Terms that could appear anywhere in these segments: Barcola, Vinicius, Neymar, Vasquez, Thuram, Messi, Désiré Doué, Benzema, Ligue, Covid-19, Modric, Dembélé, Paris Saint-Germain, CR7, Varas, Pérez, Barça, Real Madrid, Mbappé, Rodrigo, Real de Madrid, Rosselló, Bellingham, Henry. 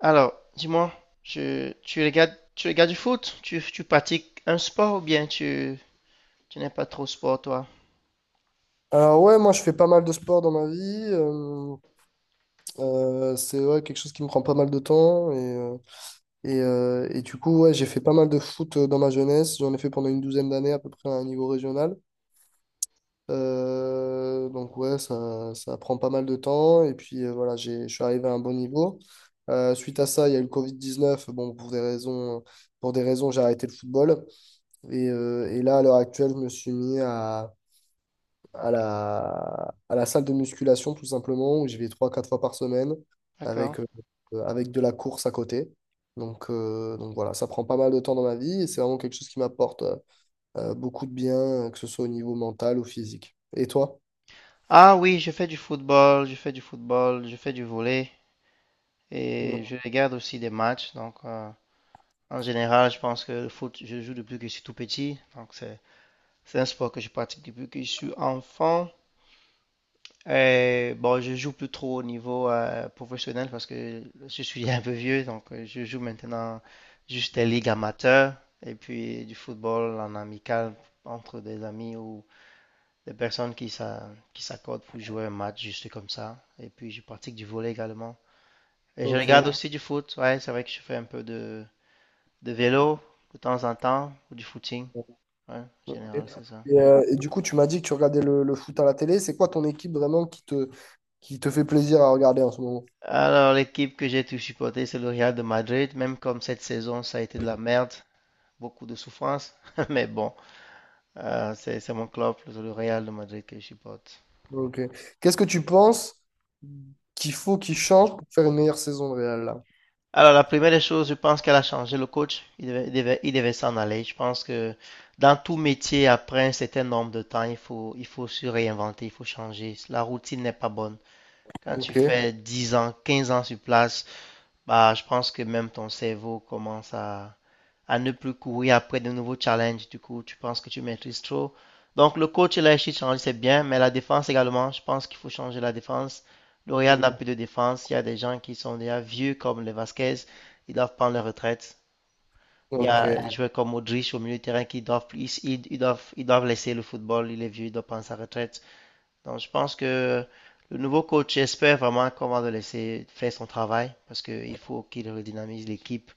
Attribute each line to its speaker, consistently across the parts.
Speaker 1: Alors, dis-moi, tu regardes du foot? Tu pratiques un sport ou bien tu, tu n'es pas trop sport, toi?
Speaker 2: Alors ouais, moi je fais pas mal de sport dans ma vie. euh, c'est ouais, quelque chose qui me prend pas mal de temps. Et du coup, ouais, j'ai fait pas mal de foot dans ma jeunesse. J'en ai fait pendant une douzaine d'années à peu près à un niveau régional. Donc ouais, ça prend pas mal de temps. Et puis voilà, je suis arrivé à un bon niveau. Suite à ça, il y a eu le Covid-19. Bon, pour des raisons, j'ai arrêté le football. Et là, à l'heure actuelle, je me suis mis à la salle de musculation, tout simplement, où j'y vais trois quatre fois par semaine
Speaker 1: D'accord.
Speaker 2: avec, euh, avec de la course à côté. Donc voilà, ça prend pas mal de temps dans ma vie et c'est vraiment quelque chose qui m'apporte beaucoup de bien, que ce soit au niveau mental ou physique. Et toi?
Speaker 1: Ah oui, je fais du football, je fais du football, je fais du volley
Speaker 2: Ouais.
Speaker 1: et je regarde aussi des matchs. Donc, en général, je pense que le foot, je joue depuis que je suis tout petit. Donc, c'est un sport que je pratique depuis que je suis enfant. Bon, je joue plus trop au niveau professionnel parce que je suis un peu vieux, donc je joue maintenant juste des ligues amateurs et puis du football en amical entre des amis ou des qui s'accordent pour jouer un match juste comme ça. Et puis je pratique du volley également. Et je regarde
Speaker 2: Ok.
Speaker 1: aussi du foot, ouais, c'est vrai que je fais un peu de vélo de temps en temps ou du footing, ouais, en
Speaker 2: Ok.
Speaker 1: général,
Speaker 2: Et,
Speaker 1: c'est ça.
Speaker 2: euh, et du coup, tu m'as dit que tu regardais le foot à la télé. C'est quoi ton équipe vraiment qui te fait plaisir à regarder en ce moment?
Speaker 1: Alors, l'équipe que j'ai tout supportée, c'est le Real de Madrid, même comme cette saison, ça a été de la merde. Beaucoup de souffrance, mais bon, c'est mon club, le Real de Madrid que je supporte.
Speaker 2: Ok. Qu'est-ce que tu penses qu'il faut qu'il change pour faire une meilleure saison de Real là?
Speaker 1: Alors, la première des choses, je pense qu'elle a changé le coach. Il devait s'en aller. Je pense que dans tout métier, après un certain nombre de temps, il faut se réinventer, il faut changer. La routine n'est pas bonne. Quand tu
Speaker 2: Ok.
Speaker 1: fais 10 ans, 15 ans sur place, bah, je pense que même ton cerveau commence à ne plus courir après de nouveaux challenges. Du coup, tu penses que tu maîtrises trop. Donc, le coach, il a réussi de changer, c'est bien, mais la défense également, je pense qu'il faut changer la défense. Le Real
Speaker 2: Mm.
Speaker 1: n'a plus de défense. Il y a des gens qui sont déjà vieux, comme les Vasquez, ils doivent prendre leur retraite. Il y
Speaker 2: Ok.
Speaker 1: a des joueurs comme Modric au milieu de terrain qui doivent, ils- ils doivent laisser le football. Il est vieux, il doit prendre sa retraite. Donc, je pense que le nouveau coach espère vraiment qu'on va le laisser faire son travail parce qu'il faut qu'il redynamise l'équipe.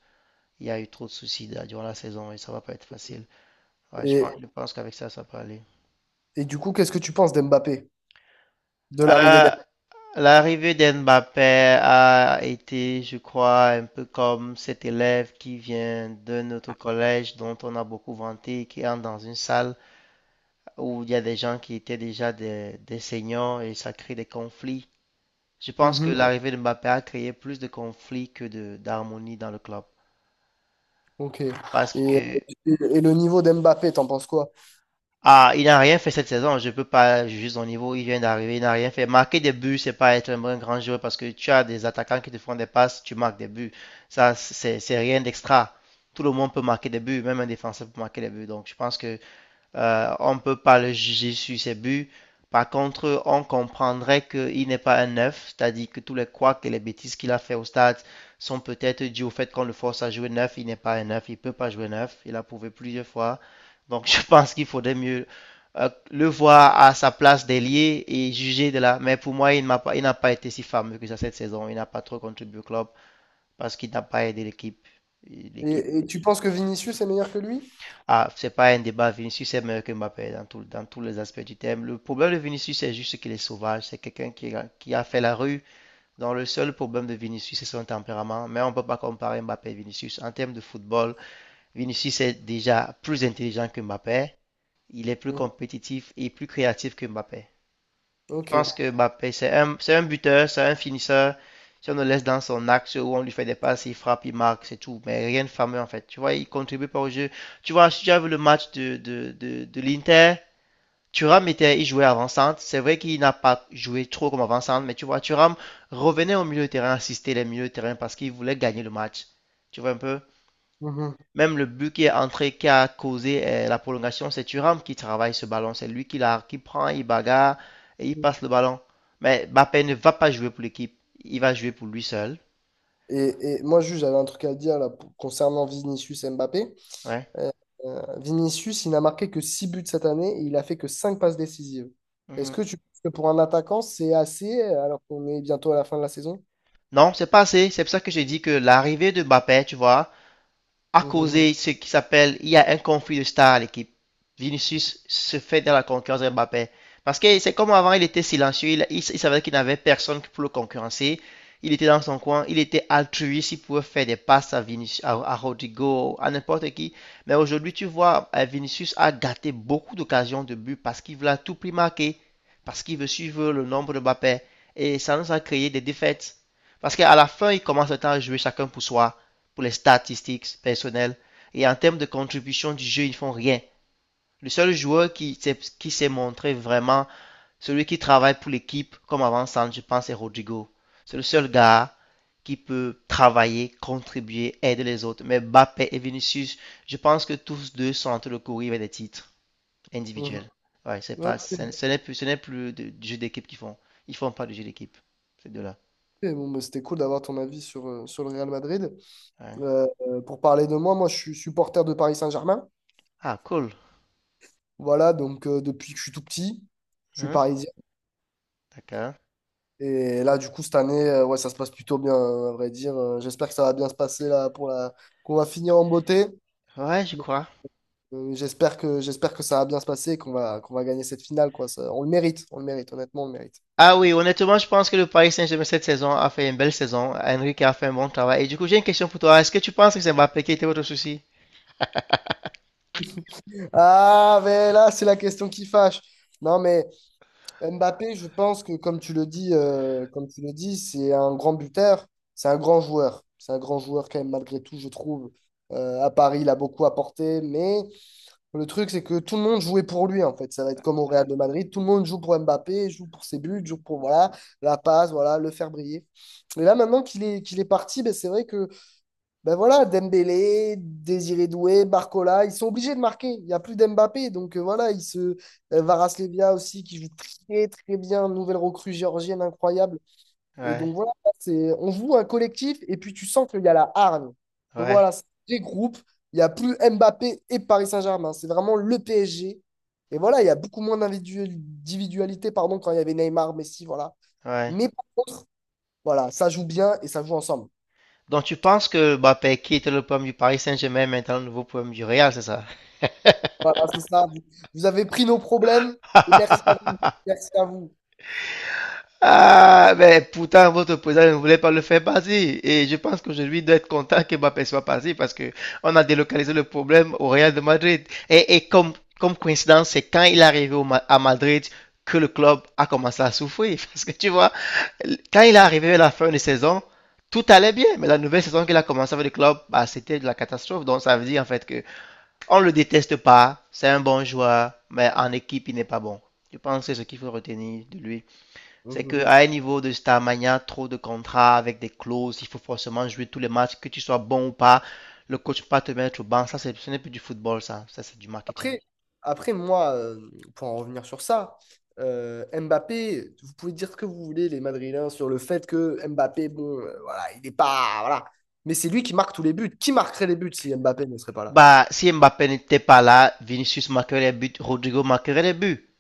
Speaker 1: Il y a eu trop de soucis là, durant la saison et ça va pas être facile. Ouais,
Speaker 2: Et,
Speaker 1: je pense qu'avec ça, ça peut aller.
Speaker 2: et du coup, qu'est-ce que tu penses d'Mbappé, de l'arrivée
Speaker 1: Euh,
Speaker 2: d'Mbappé?
Speaker 1: L'arrivée d'Mbappé a été, je crois, un peu comme cet élève qui vient de notre collège dont on a beaucoup vanté, qui entre dans une salle où il y a des gens qui étaient déjà des seniors et ça crée des conflits. Je pense que
Speaker 2: Mhm.
Speaker 1: l'arrivée d'Mbappé a créé plus de conflits que de d'harmonie dans le club.
Speaker 2: Ok. Et,
Speaker 1: Parce que
Speaker 2: et, et le niveau d'Mbappé, t'en penses quoi?
Speaker 1: ah, il n'a rien fait cette saison. Je peux pas juger son niveau. Il vient d'arriver, il n'a rien fait. Marquer des buts, c'est pas être un bon grand joueur parce que tu as des attaquants qui te font des passes, tu marques des buts. Ça, c'est rien d'extra. Tout le monde peut marquer des buts, même un défenseur peut marquer des buts. Donc, je pense que on ne peut pas le juger sur ses buts. Par contre, on comprendrait qu'il n'est pas un neuf, c'est-à-dire que tous les couacs et les bêtises qu'il a fait au stade sont peut-être dues au fait qu'on le force à jouer neuf. Il n'est pas un neuf, il ne peut pas jouer neuf. Il a prouvé plusieurs fois. Donc, je pense qu'il faudrait mieux le voir à sa place d'ailier et juger de là. Mais pour moi, il n'a pas, pas été si fameux que ça cette saison. Il n'a pas trop contribué au club parce qu'il n'a pas aidé l'équipe. L'équipe
Speaker 2: Et tu penses que Vinicius est meilleur que lui?
Speaker 1: ah, c'est pas un débat. Vinicius est meilleur que Mbappé dans tous les aspects du thème. Le problème de Vinicius, c'est juste qu'il est sauvage. C'est quelqu'un qui a fait la rue. Dans le seul problème de Vinicius, c'est son tempérament. Mais on ne peut pas comparer Mbappé et Vinicius. En termes de football, Vinicius est déjà plus intelligent que Mbappé. Il est plus
Speaker 2: Mm.
Speaker 1: compétitif et plus créatif que Mbappé. Je
Speaker 2: Ok.
Speaker 1: pense que Mbappé, c'est un buteur, c'est un finisseur. Si on le laisse dans son axe où on lui fait des passes, il frappe, il marque, c'est tout. Mais rien de fameux en fait. Tu vois, il contribue pas au jeu. Tu vois, si tu as vu le match de l'Inter, Thuram était, il jouait avant-centre. C'est vrai qu'il n'a pas joué trop comme avant-centre, mais tu vois, Thuram revenait au milieu de terrain, assistait les milieux de terrain parce qu'il voulait gagner le match. Tu vois un peu?
Speaker 2: Mhm.
Speaker 1: Même le but qui est entré, qui a causé la prolongation, c'est Thuram qui travaille ce ballon. C'est lui qui prend, il bagarre et il passe le ballon. Mais Mbappé ne va pas jouer pour l'équipe. Il va jouer pour lui seul.
Speaker 2: Et moi, juste, j'avais un truc à dire là, concernant Vinicius et Mbappé.
Speaker 1: Ouais.
Speaker 2: Euh, Vinicius, il n'a marqué que 6 buts cette année et il a fait que 5 passes décisives. Est-ce
Speaker 1: Mhm.
Speaker 2: que tu penses que pour un attaquant, c'est assez alors qu'on est bientôt à la fin de la saison?
Speaker 1: Non, c'est pas assez. C'est pour ça que j'ai dit que l'arrivée de Mbappé, tu vois, a
Speaker 2: Mhm,
Speaker 1: causé ce qui s'appelle, il y a un conflit de star à l'équipe. Vinicius se fait dans la concurrence de Mbappé. Parce que c'est comme avant, il était silencieux, il savait qu'il n'avait personne pour le concurrencer. Il était dans son coin, il était altruiste, il pouvait faire des passes Vinicius, à Rodrigo, à n'importe qui. Mais aujourd'hui, tu vois, Vinicius a gâté beaucoup d'occasions de but parce qu'il veut à tout prix marquer, parce qu'il veut suivre le nombre de Mbappé. Et ça nous a créé des défaites. Parce qu'à la fin, il commence le temps à jouer chacun pour soi pour les statistiques personnelles et en termes de contribution du jeu, ils font rien. Le seul joueur qui s'est montré vraiment celui qui travaille pour l'équipe comme avant-centre, je pense, c'est Rodrigo. C'est le seul gars qui peut travailler, contribuer, aider les autres. Mais Mbappé et Vinicius, je pense que tous deux sont entre le courir avec des titres
Speaker 2: mhm.
Speaker 1: individuels. Ouais, c'est pas,
Speaker 2: Ok.
Speaker 1: ce ce n'est plus du jeu d'équipe qu'ils font. Ils font pas du jeu d'équipe, ces deux-là.
Speaker 2: Et bon, bah, c'était cool d'avoir ton avis sur, sur le Real Madrid.
Speaker 1: Ouais.
Speaker 2: Pour parler de moi, moi je suis supporter de Paris Saint-Germain.
Speaker 1: Ah, cool.
Speaker 2: Voilà, donc depuis que je suis tout petit, je suis
Speaker 1: Hein?
Speaker 2: parisien.
Speaker 1: D'accord.
Speaker 2: Et là, du coup, cette année, ouais, ça se passe plutôt bien, à vrai dire. J'espère que ça va bien se passer là qu'on va finir en beauté.
Speaker 1: Ouais, je
Speaker 2: Mais,
Speaker 1: crois.
Speaker 2: j'espère que ça va bien se passer et qu'on va gagner cette finale, quoi. On le mérite, on le mérite, honnêtement, on le mérite.
Speaker 1: Ah oui, honnêtement, je pense que le Paris Saint-Germain cette saison a fait une belle saison. Henry qui a fait un bon travail. Et du coup, j'ai une question pour toi. Est-ce que tu penses que c'est Mbappé qui était votre souci?
Speaker 2: Ah, mais là, c'est la question qui fâche. Non, mais. Mbappé, je pense que comme tu le dis, c'est un grand buteur, c'est un grand joueur. C'est un grand joueur quand même malgré tout, je trouve. À Paris, il a beaucoup apporté, mais le truc, c'est que tout le monde jouait pour lui, en fait. Ça va être comme au Real de Madrid, tout le monde joue pour Mbappé, joue pour ses buts, joue pour voilà, la passe, voilà, le faire briller. Et là, maintenant qu'il est parti, ben, c'est vrai que ben voilà, Dembélé, Désiré Doué, Barcola, ils sont obligés de marquer. Il n'y a plus d'Mbappé. Donc voilà, il se. Varas aussi, qui joue très très bien. Nouvelle recrue géorgienne incroyable. Et
Speaker 1: Ouais,
Speaker 2: donc voilà, on joue un collectif et puis tu sens qu'il y a la hargne. Que
Speaker 1: ouais,
Speaker 2: voilà, c'est des groupes. Il n'y a plus Mbappé et Paris Saint-Germain, hein. C'est vraiment le PSG. Et voilà, il y a beaucoup moins d'individualité, pardon, quand il y avait Neymar, Messi, voilà.
Speaker 1: ouais.
Speaker 2: Mais par contre, voilà, ça joue bien et ça joue ensemble.
Speaker 1: Donc tu penses que Mbappé qui était le problème du Paris Saint-Germain est maintenant le nouveau problème du Real, c'est ça?
Speaker 2: Voilà, c'est ça. Vous, vous avez pris nos problèmes et merci à vous. Merci à vous.
Speaker 1: Ah, mais pourtant, votre président ne voulait pas le faire passer. Et je pense qu'aujourd'hui, il doit être content que Mbappé soit passé parce que on a délocalisé le problème au Real de Madrid. Et comme coïncidence, c'est quand il est arrivé au à Madrid que le club a commencé à souffrir. Parce que tu vois, quand il est arrivé à la fin de saison, tout allait bien. Mais la nouvelle saison qu'il a commencé avec le club, bah, c'était de la catastrophe. Donc, ça veut dire en fait que on le déteste pas. C'est un bon joueur, mais en équipe, il n'est pas bon. Je pense que c'est ce qu'il faut retenir de lui. C'est
Speaker 2: Mhm.
Speaker 1: qu'à un niveau de Starmania, trop de contrats avec des clauses, il faut forcément jouer tous les matchs, que tu sois bon ou pas. Le coach peut pas te mettre au banc. Ce n'est plus du football, ça. Ça, c'est du marketing.
Speaker 2: Après, après moi, pour en revenir sur ça, Mbappé, vous pouvez dire ce que vous voulez, les Madrilènes, sur le fait que Mbappé, bon, voilà, il n'est pas. Voilà. Mais c'est lui qui marque tous les buts. Qui marquerait les buts si Mbappé ne serait pas là?
Speaker 1: Bah, si Mbappé n'était pas là, Vinicius marquerait les buts, Rodrigo marquerait les buts.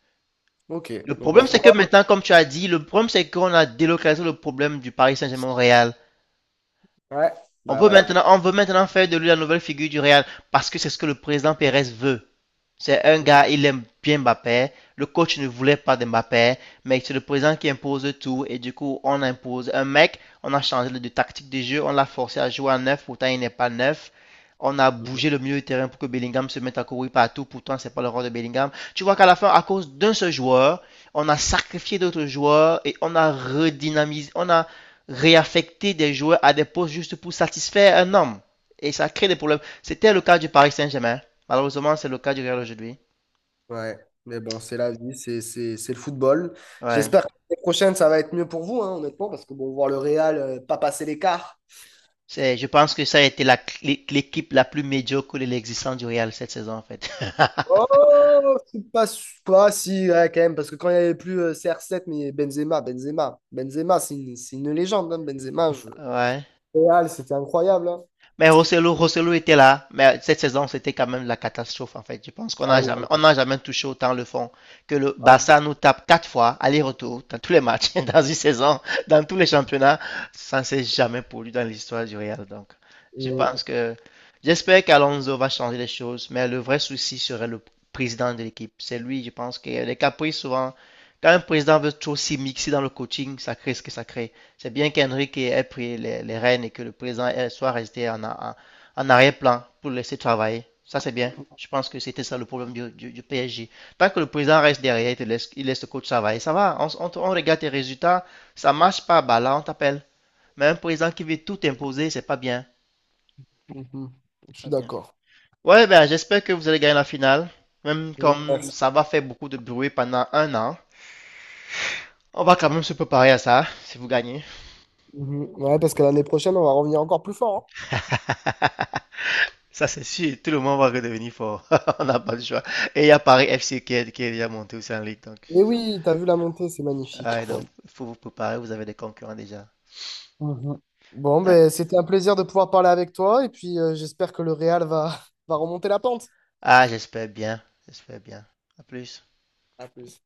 Speaker 2: Ok.
Speaker 1: Le
Speaker 2: Donc
Speaker 1: problème,
Speaker 2: pour
Speaker 1: c'est que
Speaker 2: toi,
Speaker 1: maintenant, comme tu as dit, le problème, c'est qu'on a délocalisé le problème du Paris Saint-Germain au Real.
Speaker 2: ouais, bah ouais.
Speaker 1: On veut maintenant faire de lui la nouvelle figure du Real parce que c'est ce que le président Pérez veut. C'est un gars, il aime bien Mbappé. Le coach ne voulait pas de Mbappé, mais c'est le président qui impose tout. Et du coup, on impose un mec, on a changé de tactique de jeu, on l'a forcé à jouer à neuf, pourtant il n'est pas neuf. On a bougé le milieu de terrain pour que Bellingham se mette à courir partout, pourtant c'est pas le rôle de Bellingham. Tu vois qu'à la fin, à cause d'un seul joueur, on a sacrifié d'autres joueurs et on a réaffecté des joueurs à des postes juste pour satisfaire un homme. Et ça crée des problèmes. C'était le cas du Paris Saint-Germain. Malheureusement, c'est le cas du Real aujourd'hui.
Speaker 2: Ouais. Mais bon, c'est la vie, c'est le football.
Speaker 1: Ouais.
Speaker 2: J'espère que l'année prochaine, ça va être mieux pour vous, hein, honnêtement, parce que bon, voir le Real, pas passer l'écart.
Speaker 1: C'est, je pense que ça a été l'équipe la plus médiocre de l'existence du Real cette saison, en fait.
Speaker 2: Oh, c'est pas, pas si, ouais, quand même, parce que quand il n'y avait plus CR7, mais Benzema, Benzema, Benzema, c'est une légende, hein, Benzema.
Speaker 1: Ouais.
Speaker 2: Real, c'était incroyable, hein.
Speaker 1: Mais Rosselló était là, mais cette saison, c'était quand même la catastrophe, en fait. Je pense qu'on
Speaker 2: Ah
Speaker 1: n'a jamais,
Speaker 2: oui,
Speaker 1: on n'a jamais touché autant le fond que le
Speaker 2: ah,
Speaker 1: Barça nous tape 4 fois, aller-retour, dans tous les matchs, dans une saison, dans tous les championnats. Ça ne s'est jamais produit dans l'histoire du Real. Donc, je
Speaker 2: euh,
Speaker 1: pense que, j'espère qu'Alonso va changer les choses, mais le vrai souci serait le président de l'équipe. C'est lui, je pense, qui a les caprices souvent. Quand un président veut trop s'y mixer dans le coaching, ça crée ce que ça crée. C'est bien qu'Henrique ait pris les rênes et que le président soit resté en arrière-plan pour laisser travailler. Ça, c'est bien. Je pense que c'était ça le problème du PSG. Tant que le président reste derrière, te laisse, il laisse le coach travailler. Ça va, on regarde tes résultats. Ça marche pas, bah là, on t'appelle. Mais un président qui veut tout imposer, c'est pas bien.
Speaker 2: mhm, je
Speaker 1: Pas
Speaker 2: suis
Speaker 1: bien.
Speaker 2: d'accord.
Speaker 1: Ouais, ben, j'espère que vous allez gagner la finale. Même
Speaker 2: Mhm,
Speaker 1: comme
Speaker 2: merci.
Speaker 1: ça va faire beaucoup de bruit pendant un an. On va quand même se préparer à ça, si vous gagnez.
Speaker 2: Mhm, ouais, parce que l'année prochaine, on va revenir encore plus fort, hein.
Speaker 1: Ça, c'est sûr. Tout le monde va redevenir fort. On n'a pas le choix. Et il y a Paris FC qui est déjà monté aussi en Ligue. Donc,
Speaker 2: Mais oui, t'as vu la montée, c'est magnifique.
Speaker 1: ah,
Speaker 2: Bon,
Speaker 1: donc, il faut vous préparer. Vous avez des concurrents déjà.
Speaker 2: mhm. Bon,
Speaker 1: D'accord.
Speaker 2: ben, c'était un plaisir de pouvoir parler avec toi, et puis j'espère que le Real va, va remonter la pente.
Speaker 1: Ah, j'espère bien. J'espère bien. À plus.
Speaker 2: À plus.